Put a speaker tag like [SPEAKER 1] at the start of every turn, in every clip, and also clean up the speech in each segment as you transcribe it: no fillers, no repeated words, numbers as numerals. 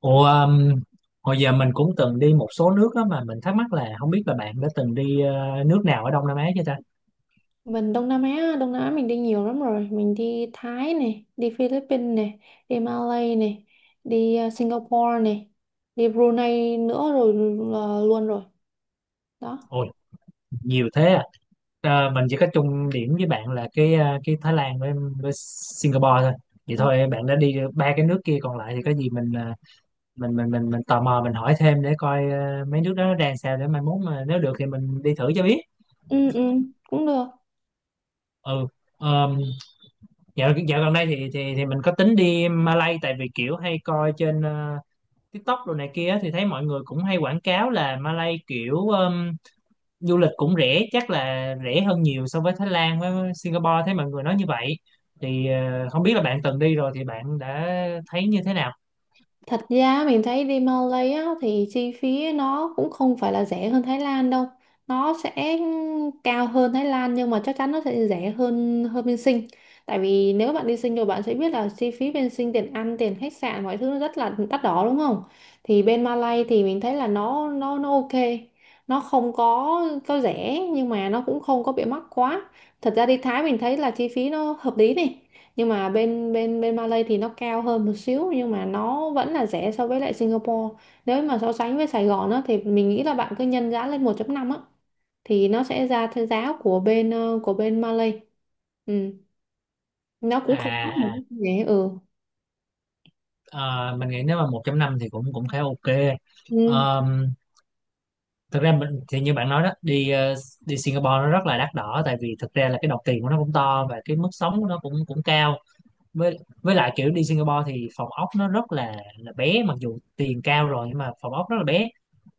[SPEAKER 1] Ủa, um, Hồi giờ mình cũng từng đi một số nước á, mà mình thắc mắc là không biết là bạn đã từng đi nước nào ở Đông Nam Á chưa ta?
[SPEAKER 2] Mình Đông Nam Á, Đông Nam Á mình đi nhiều lắm rồi. Mình đi Thái này, đi Philippines này, đi Malay này, đi Singapore này, đi Brunei nữa rồi là luôn rồi. Đó.
[SPEAKER 1] Ôi, nhiều thế à. Ờ, mình chỉ có chung điểm với bạn là cái cái Thái Lan với Singapore thôi. Vậy
[SPEAKER 2] Ờ,
[SPEAKER 1] thôi bạn đã đi ba cái nước kia, còn lại thì có gì mình mình tò mò mình hỏi thêm để coi mấy nước đó nó đang sao, để mai mốt mà nếu được thì mình đi thử cho biết.
[SPEAKER 2] Ừ, ừ, cũng được.
[SPEAKER 1] Ừ. Um, dạo gần đây thì mình có tính đi Malay, tại vì kiểu hay coi trên TikTok đồ này kia, thì thấy mọi người cũng hay quảng cáo là Malay kiểu du lịch cũng rẻ, chắc là rẻ hơn nhiều so với Thái Lan với Singapore, thấy mọi người nói như vậy thì không biết là bạn từng đi rồi thì bạn đã thấy như thế nào.
[SPEAKER 2] Thật ra mình thấy đi Malay á thì chi phí nó cũng không phải là rẻ hơn Thái Lan đâu. Nó sẽ cao hơn Thái Lan, nhưng mà chắc chắn nó sẽ rẻ hơn hơn bên Sinh. Tại vì nếu bạn đi Sinh rồi bạn sẽ biết là chi phí bên Sinh, tiền ăn, tiền khách sạn, mọi thứ nó rất là đắt đỏ, đúng không? Thì bên Malay thì mình thấy là nó ok. Nó không có rẻ nhưng mà nó cũng không có bị mắc quá. Thật ra đi Thái mình thấy là chi phí nó hợp lý này, nhưng mà bên bên bên Malay thì nó cao hơn một xíu, nhưng mà nó vẫn là rẻ so với lại Singapore. Nếu mà so sánh với Sài Gòn á thì mình nghĩ là bạn cứ nhân giá lên 1.5 á thì nó sẽ ra theo giá của bên Malay. Ừ, nó cũng không mất một
[SPEAKER 1] À à,
[SPEAKER 2] cái rẻ. Ừ.
[SPEAKER 1] ờ, mình nghĩ nếu mà một trăm năm thì cũng cũng khá ok.
[SPEAKER 2] Ừ.
[SPEAKER 1] Um, thực ra mình thì như bạn nói đó, đi đi Singapore nó rất là đắt đỏ, tại vì thực ra là cái đồng tiền của nó cũng to và cái mức sống của nó cũng cũng cao, với lại kiểu đi Singapore thì phòng ốc nó rất là bé, mặc dù tiền cao rồi nhưng mà phòng ốc rất là bé.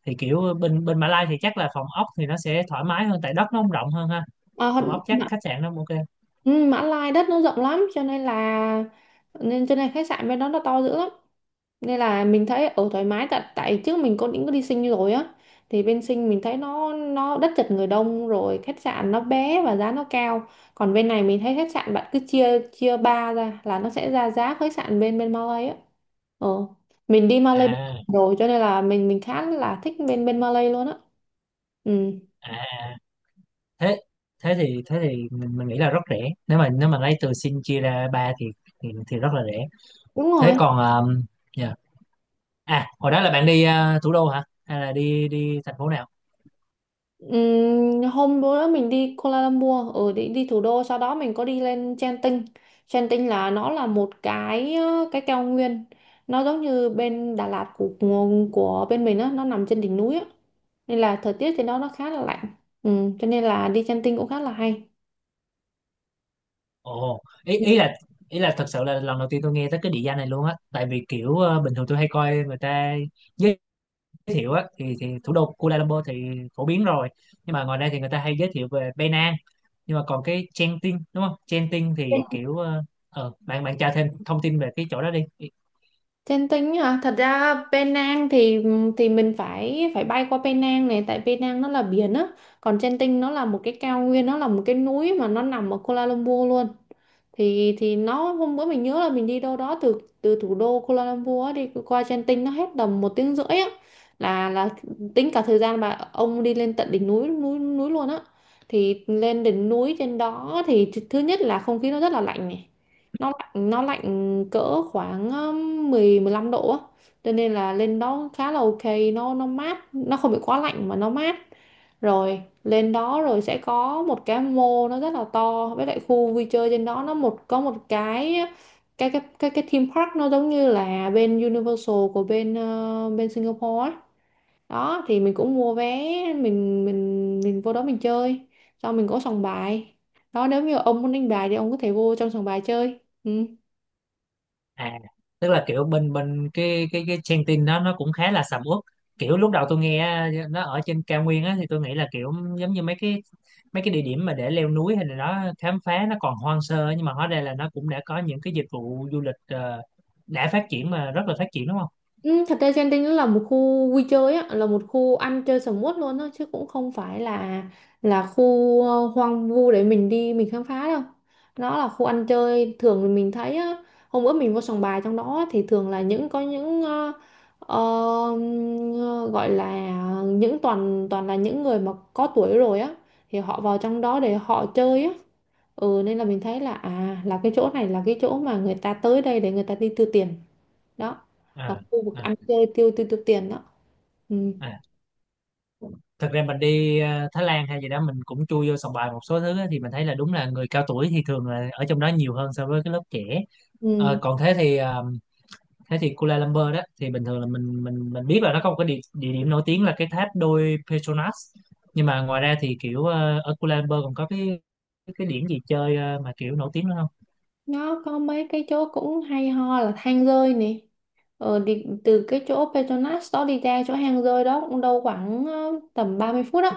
[SPEAKER 1] Thì kiểu bên bên Mã Lai thì chắc là phòng ốc thì nó sẽ thoải mái hơn, tại đất nó không rộng hơn ha,
[SPEAKER 2] À,
[SPEAKER 1] phòng ốc chắc
[SPEAKER 2] Mã,
[SPEAKER 1] khách sạn nó cũng ok.
[SPEAKER 2] ừ, Mã Lai đất nó rộng lắm, cho nên là cho nên khách sạn bên đó nó to dữ lắm. Nên là mình thấy ở thoải mái, tại tại trước mình có định có đi Sinh rồi á, thì bên Sinh mình thấy nó đất chật người đông, rồi khách sạn nó bé và giá nó cao. Còn bên này mình thấy khách sạn bạn cứ chia chia ba ra là nó sẽ ra giá khách sạn bên bên Malay á. ờ mình đi Malay
[SPEAKER 1] À
[SPEAKER 2] rồi, cho nên là mình khá là thích bên bên Malay luôn á. Ừ.
[SPEAKER 1] à à, thế thế thì mình nghĩ là rất rẻ, nếu mà lấy từ Sing chia ra ba thì rất là rẻ.
[SPEAKER 2] Đúng
[SPEAKER 1] Thế
[SPEAKER 2] rồi.
[SPEAKER 1] còn um, yeah. À hồi đó là bạn đi à, thủ đô hả hay là đi đi thành phố nào?
[SPEAKER 2] Hôm bữa đó mình đi Kuala Lumpur, đi thủ đô, sau đó mình có đi lên Genting. Genting là một cái cao nguyên, nó giống như bên Đà Lạt của bên mình á, nó nằm trên đỉnh núi á, nên là thời tiết trên đó nó khá là lạnh. Ừ, cho nên là đi Genting cũng khá là hay.
[SPEAKER 1] Ồ, ý ý là thật sự là lần đầu tiên tôi nghe tới cái địa danh này luôn á, tại vì kiểu bình thường tôi hay coi người ta giới thiệu á, thì thủ đô Kuala Lumpur thì phổ biến rồi. Nhưng mà ngoài ra thì người ta hay giới thiệu về Penang, nhưng mà còn cái Genting đúng không? Genting thì kiểu bạn bạn tra thêm thông tin về cái chỗ đó đi.
[SPEAKER 2] Genting hả, thật ra Penang thì mình phải phải bay qua Penang này, tại Penang nó là biển á, còn Genting nó là một cái cao nguyên, nó là một cái núi mà nó nằm ở Kuala Lumpur luôn. Thì nó hôm bữa mình nhớ là mình đi đâu đó từ từ thủ đô Kuala Lumpur á, đi qua Genting nó hết tầm một tiếng rưỡi á, là tính cả thời gian mà ông đi lên tận đỉnh núi núi núi luôn á. Thì lên đỉnh núi trên đó thì thứ nhất là không khí nó rất là lạnh này, nó lạnh cỡ khoảng mười, 15 độ á, cho nên là lên đó khá là ok. Nó mát, nó không bị quá lạnh mà nó mát. Rồi lên đó rồi sẽ có một cái mall nó rất là to, với lại khu vui chơi trên đó nó có một cái theme park nó giống như là bên Universal của bên Singapore ấy. Đó thì mình cũng mua vé, mình vô đó mình chơi, xong mình có sòng bài đó. Nếu như ông muốn đánh bài thì ông có thể vô trong sòng bài chơi. Ừ.
[SPEAKER 1] À, tức là kiểu bên bên cái trang tin đó nó cũng khá là sầm uất. Kiểu lúc đầu tôi nghe nó ở trên cao nguyên á, thì tôi nghĩ là kiểu giống như mấy cái địa điểm mà để leo núi hay là đó khám phá, nó còn hoang sơ ấy, nhưng mà hóa ra là nó cũng đã có những cái dịch vụ du lịch đã phát triển, mà rất là phát triển đúng không?
[SPEAKER 2] Ừ, thật ra Genting nó là một khu vui chơi á, là một khu ăn chơi sầm uất luôn á, chứ cũng không phải là khu hoang vu để mình đi mình khám phá đâu. Nó là khu ăn chơi, thường thì mình thấy á, hôm bữa mình vô sòng bài trong đó thì thường là những có những ờ, ờ, gọi là những toàn toàn là những người mà có tuổi rồi á, thì họ vào trong đó để họ chơi á. Ừ, nên là mình thấy là cái chỗ này là cái chỗ mà người ta tới đây để người ta đi tiêu tiền đó, là
[SPEAKER 1] À,
[SPEAKER 2] khu vực
[SPEAKER 1] à,
[SPEAKER 2] ăn chơi tiêu tiêu tiêu tiền đó. Ừ.
[SPEAKER 1] à. Thật ra mình đi Thái Lan hay gì đó mình cũng chui vô sòng bài một số thứ á, thì mình thấy là đúng là người cao tuổi thì thường là ở trong đó nhiều hơn so với cái lớp trẻ. Ờ,
[SPEAKER 2] Ừ.
[SPEAKER 1] còn thế thì thế thì Kuala Lumpur đó thì bình thường là mình biết là nó có một cái địa, địa điểm nổi tiếng là cái tháp đôi Petronas, nhưng mà ngoài ra thì kiểu ở Kuala Lumpur còn có cái điểm gì chơi mà kiểu nổi tiếng nữa không?
[SPEAKER 2] Nó có mấy cái chỗ cũng hay ho là hang rơi nè. Từ cái chỗ Petronas đó đi ra chỗ hang rơi đó cũng đâu khoảng tầm 30 phút á.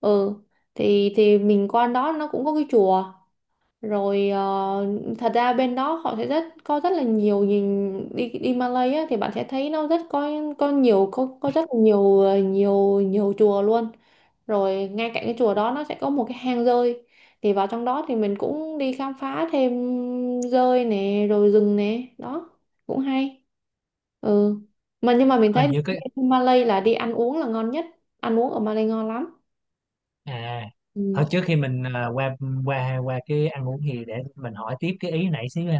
[SPEAKER 2] Ừ, thì mình qua đó nó cũng có cái chùa rồi. Ờ, Thật ra bên đó họ sẽ rất có rất là nhiều, nhìn đi đi Malay á thì bạn sẽ thấy nó rất có nhiều, có rất là nhiều ờ, nhiều nhiều chùa luôn. Rồi ngay cạnh cái chùa đó nó sẽ có một cái hang dơi, thì vào trong đó thì mình cũng đi khám phá thêm dơi nè rồi rừng nè, đó cũng hay. Ừ. Mà nhưng mà mình thấy
[SPEAKER 1] Hình như cái
[SPEAKER 2] Malay là đi ăn uống là ngon nhất, ăn uống ở Malay ngon lắm.
[SPEAKER 1] à,
[SPEAKER 2] Ừ.
[SPEAKER 1] thôi trước khi mình qua qua qua cái ăn uống thì để mình hỏi tiếp cái ý nãy xíu ha.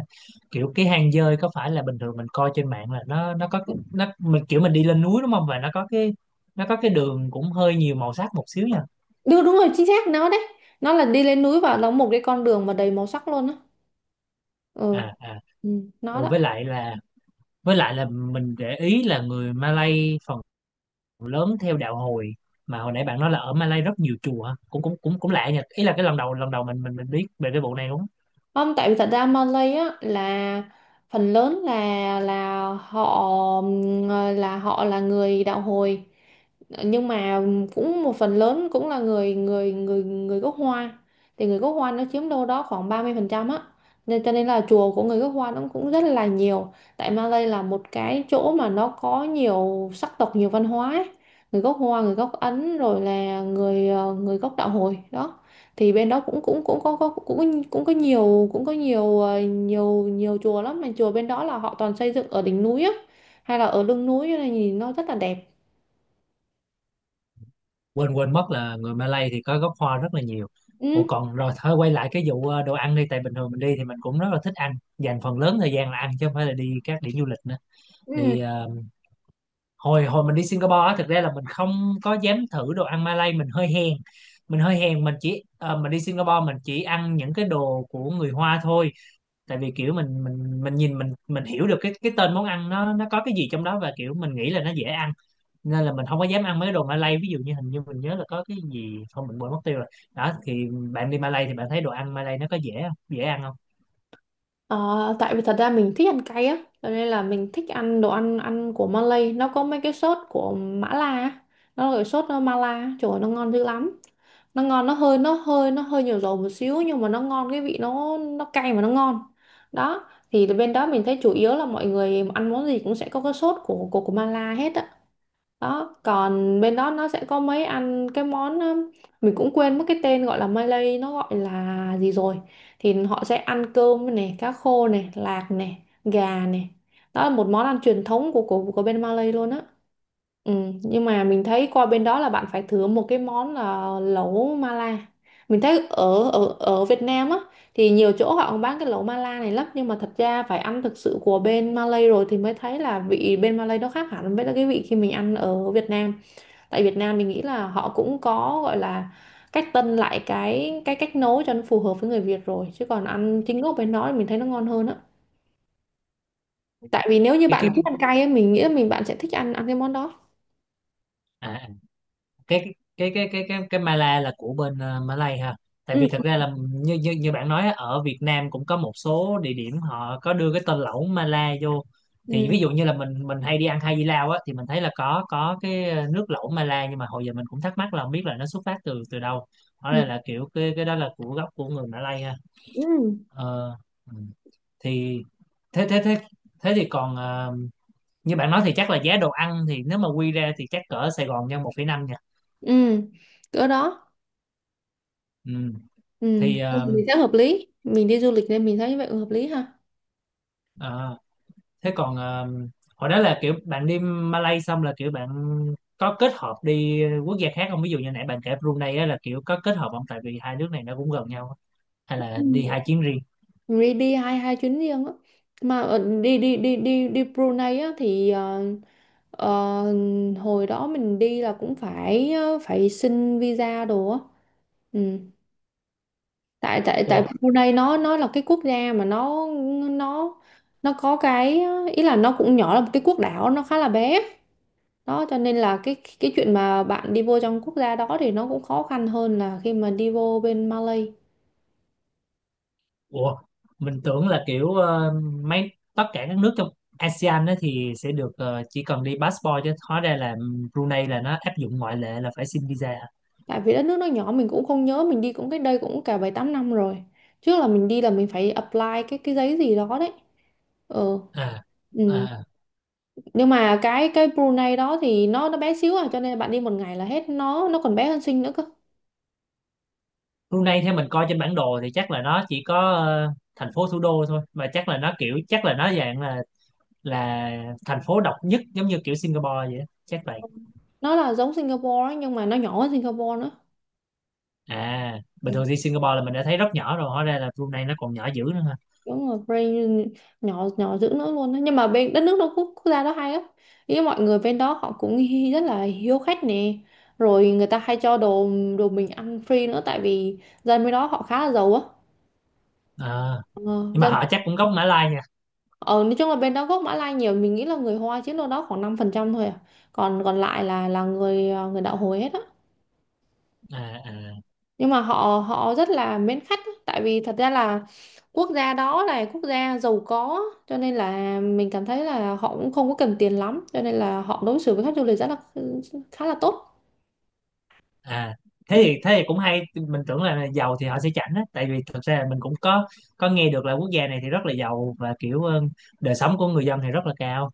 [SPEAKER 1] Kiểu cái hang dơi có phải là bình thường mình coi trên mạng là nó có cái- nó mình kiểu mình đi lên núi đúng không, và nó có cái đường cũng hơi nhiều màu sắc một xíu nha.
[SPEAKER 2] Đúng, đúng rồi, chính xác nó đấy. Nó là đi lên núi và nó một cái con đường mà đầy màu sắc luôn á. Ừ.
[SPEAKER 1] À à.
[SPEAKER 2] Ừ. Nó
[SPEAKER 1] Ủa,
[SPEAKER 2] đó.
[SPEAKER 1] với lại là mình để ý là người Malay phần lớn theo đạo Hồi, mà hồi nãy bạn nói là ở Malay rất nhiều chùa hả? Cũng cũng cũng cũng lạ nhỉ, ý là cái lần đầu mình biết về cái vụ này đúng.
[SPEAKER 2] Không, tại vì thật ra Malay á là phần lớn là người đạo hồi, nhưng mà cũng một phần lớn cũng là người người người người gốc Hoa, thì người gốc Hoa nó chiếm đâu đó khoảng 30% á, cho nên là chùa của người gốc Hoa nó cũng rất là nhiều. Tại Malay là một cái chỗ mà nó có nhiều sắc tộc, nhiều văn hóa ấy. Người gốc Hoa, người gốc Ấn, rồi là người gốc đạo hồi đó. Thì bên đó cũng cũng cũng có cũng cũng có nhiều ờ, nhiều nhiều chùa lắm, mà chùa bên đó là họ toàn xây dựng ở đỉnh núi á hay là ở lưng núi, cho nên nhìn nó rất là đẹp.
[SPEAKER 1] Quên quên mất là người Malay thì có gốc Hoa rất là nhiều. Ủa,
[SPEAKER 2] Ừ.
[SPEAKER 1] còn rồi thôi, quay lại cái vụ đồ ăn đi, tại bình thường mình đi thì mình cũng rất là thích ăn, dành phần lớn thời gian là ăn chứ không phải là đi các điểm du lịch nữa.
[SPEAKER 2] Ừ.
[SPEAKER 1] Thì hồi hồi mình đi Singapore á, thực ra là mình không có dám thử đồ ăn Malay, mình hơi hèn, mình hơi hèn, mình chỉ mình đi Singapore mình chỉ ăn những cái đồ của người Hoa thôi, tại vì kiểu mình nhìn, mình hiểu được cái tên món ăn nó có cái gì trong đó và kiểu mình nghĩ là nó dễ ăn, nên là mình không có dám ăn mấy cái đồ Malay, ví dụ như hình như mình nhớ là có cái gì không mình quên mất tiêu rồi. Đó thì bạn đi Malay thì bạn thấy đồ ăn Malay nó có dễ không, dễ ăn không?
[SPEAKER 2] Ờ, tại vì thật ra mình thích ăn cay á, cho nên là mình thích ăn đồ ăn ăn của Malay, nó có mấy cái sốt của Mã La á. Nó là cái sốt Mala, trời ơi, nó ngon dữ lắm. Nó ngon, nó hơi nhiều dầu một xíu nhưng mà nó ngon, cái vị nó cay mà nó ngon. Đó, thì bên đó mình thấy chủ yếu là mọi người ăn món gì cũng sẽ có cái sốt của Mala hết á. Đó, còn bên đó nó sẽ có mấy ăn cái món, mình cũng quên mất cái tên gọi là Malay nó gọi là gì rồi, thì họ sẽ ăn cơm này, cá khô này, lạc này, gà này. Đó là một món ăn truyền thống của bên Malay luôn á. Ừ, nhưng mà mình thấy qua bên đó là bạn phải thử một cái món là lẩu Mala. Mình thấy ở ở ở Việt Nam á thì nhiều chỗ họ cũng bán cái lẩu mala này lắm, nhưng mà thật ra phải ăn thực sự của bên Malay rồi thì mới thấy là vị bên Malay nó khác hẳn với cái vị khi mình ăn ở Việt Nam. Tại Việt Nam mình nghĩ là họ cũng có gọi là cách tân lại cái cách nấu cho nó phù hợp với người Việt rồi, chứ còn ăn chính gốc bên đó thì mình thấy nó ngon hơn á. Tại vì nếu như
[SPEAKER 1] cái
[SPEAKER 2] bạn
[SPEAKER 1] cái cái
[SPEAKER 2] thích ăn cay ấy, mình nghĩ là bạn sẽ thích ăn ăn cái món đó.
[SPEAKER 1] à, à, cái Mala là của bên Malay ha, tại
[SPEAKER 2] Ừ.
[SPEAKER 1] vì thật ra là như như như bạn nói á, ở Việt Nam cũng có một số địa điểm họ có đưa cái tên lẩu Mala vô.
[SPEAKER 2] Ừ.
[SPEAKER 1] Thì ví dụ như là mình hay đi ăn Hai Di Lao á, thì mình thấy là có cái nước lẩu Mala, nhưng mà hồi giờ mình cũng thắc mắc là không biết là nó xuất phát từ từ đâu, hóa
[SPEAKER 2] Ừ.
[SPEAKER 1] ra là kiểu cái đó là của gốc của người Malay ha.
[SPEAKER 2] Ừ.
[SPEAKER 1] Ờ, ừ. Thì thế thế thế thế thì còn như bạn nói thì chắc là giá đồ ăn thì nếu mà quy ra thì chắc cỡ Sài Gòn nhân 1,5 nha.
[SPEAKER 2] Ừ. Cỡ đó.
[SPEAKER 1] Ừ.
[SPEAKER 2] Ừ.
[SPEAKER 1] Thì
[SPEAKER 2] Mình sẽ hợp lý, mình đi du lịch nên mình thấy vậy hợp lý ha.
[SPEAKER 1] à, thế còn hồi đó là kiểu bạn đi Malay xong là kiểu bạn có kết hợp đi quốc gia khác không? Ví dụ như nãy bạn kể Brunei á, là kiểu có kết hợp không? Tại vì hai nước này nó cũng gần nhau á. Hay
[SPEAKER 2] Ừ.
[SPEAKER 1] là đi hai chuyến riêng?
[SPEAKER 2] đi đi hai hai chuyến riêng á. Mà ở- đi đi đi đi đi Brunei á thì ờ, hồi đó mình đi là cũng phải xin visa đồ á. Ừ. tại tại
[SPEAKER 1] Ủa,
[SPEAKER 2] tại Brunei nó là cái quốc gia mà nó nó có cái ý là nó cũng nhỏ, là một cái quốc đảo, nó khá là bé. Đó cho nên là cái chuyện mà bạn đi vô trong quốc gia đó thì nó cũng khó khăn hơn là khi mà đi vô bên Malay.
[SPEAKER 1] ủa, mình tưởng là kiểu mấy tất cả các nước trong ASEAN á thì sẽ được chỉ cần đi passport, chứ hóa ra là Brunei là nó áp dụng ngoại lệ là phải xin visa hả?
[SPEAKER 2] Tại vì đất nước nó nhỏ, mình cũng không nhớ, mình đi cũng cách đây cũng cả bảy tám năm rồi. Trước là mình đi là mình phải apply cái giấy gì đó đấy. Ừ.
[SPEAKER 1] À,
[SPEAKER 2] Ừ.
[SPEAKER 1] à.
[SPEAKER 2] Nhưng mà cái Brunei đó thì nó bé xíu à, cho nên bạn đi một ngày là hết. Nó còn bé hơn Sing nữa cơ.
[SPEAKER 1] Brunei theo mình coi trên bản đồ thì chắc là nó chỉ có thành phố thủ đô thôi, mà chắc là nó kiểu chắc là nó dạng là thành phố độc nhất giống như kiểu Singapore vậy á, chắc vậy.
[SPEAKER 2] Ừ. Nó là giống Singapore á, nhưng mà nó nhỏ hơn Singapore nữa.
[SPEAKER 1] À bình thường đi Singapore là mình đã thấy rất nhỏ rồi, hóa ra là Brunei nó còn nhỏ dữ nữa ha.
[SPEAKER 2] Đúng rồi, brain. Nhỏ nhỏ dữ nữa luôn đó. Nhưng mà bên đất nước đó, quốc gia đó hay lắm. Ý mọi người bên đó họ cũng rất là hiếu khách nè, rồi người ta hay cho đồ đồ mình ăn free nữa, tại vì dân bên đó họ khá là giàu á.
[SPEAKER 1] Ờ.
[SPEAKER 2] ờ,
[SPEAKER 1] Nhưng mà
[SPEAKER 2] Dân
[SPEAKER 1] họ chắc cũng gốc Mã Lai nha.
[SPEAKER 2] ở nói chung là bên đó gốc Mã Lai nhiều, mình nghĩ là người Hoa chiếm đâu đó khoảng 5% thôi à, còn còn lại là người người đạo hồi hết á.
[SPEAKER 1] À, à,
[SPEAKER 2] Nhưng mà họ họ rất là mến khách á. Tại vì thật ra là quốc gia đó là quốc gia giàu có, cho nên là mình cảm thấy là họ cũng không có cần tiền lắm, cho nên là họ đối xử với khách du lịch rất là khá là tốt.
[SPEAKER 1] à,
[SPEAKER 2] Ừ.
[SPEAKER 1] thế thì cũng hay, mình tưởng là giàu thì họ sẽ chảnh á, tại vì thực ra là mình cũng có nghe được là quốc gia này thì rất là giàu và kiểu đời sống của người dân thì rất là cao.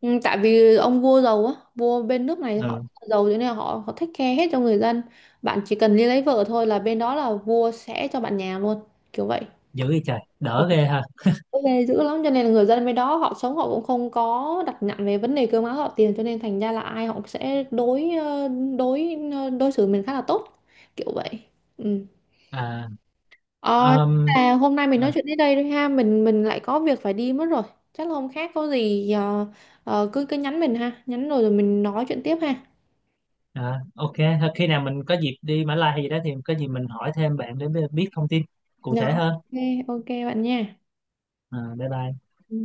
[SPEAKER 2] Ừ, tại vì ông vua giàu á, vua bên nước này họ
[SPEAKER 1] Ừ,
[SPEAKER 2] giàu, cho nên là họ họ take care hết cho người dân. Bạn chỉ cần đi lấy vợ thôi là bên đó là vua sẽ cho bạn nhà luôn, kiểu vậy.
[SPEAKER 1] dữ vậy trời, đỡ ghê ha.
[SPEAKER 2] Ok. Dữ lắm, cho nên là người dân bên đó họ sống, họ cũng không có đặt nặng về vấn đề cơm áo gạo tiền, cho nên thành ra là ai họ cũng sẽ đối xử mình khá là tốt, kiểu vậy. Ừ.
[SPEAKER 1] à,
[SPEAKER 2] Ờ,
[SPEAKER 1] um,
[SPEAKER 2] à, hôm nay mình nói chuyện đến đây thôi ha, mình lại có việc phải đi mất rồi. Chắc là hôm khác có gì, cứ cứ nhắn mình ha, nhắn rồi rồi mình nói chuyện tiếp ha.
[SPEAKER 1] À, ok, thôi khi nào mình có dịp đi Mã Lai hay gì đó thì có gì mình hỏi thêm bạn để biết thông tin cụ
[SPEAKER 2] Dạ,
[SPEAKER 1] thể
[SPEAKER 2] ok,
[SPEAKER 1] hơn.
[SPEAKER 2] ok bạn nha.
[SPEAKER 1] À, bye bye.
[SPEAKER 2] Ừ.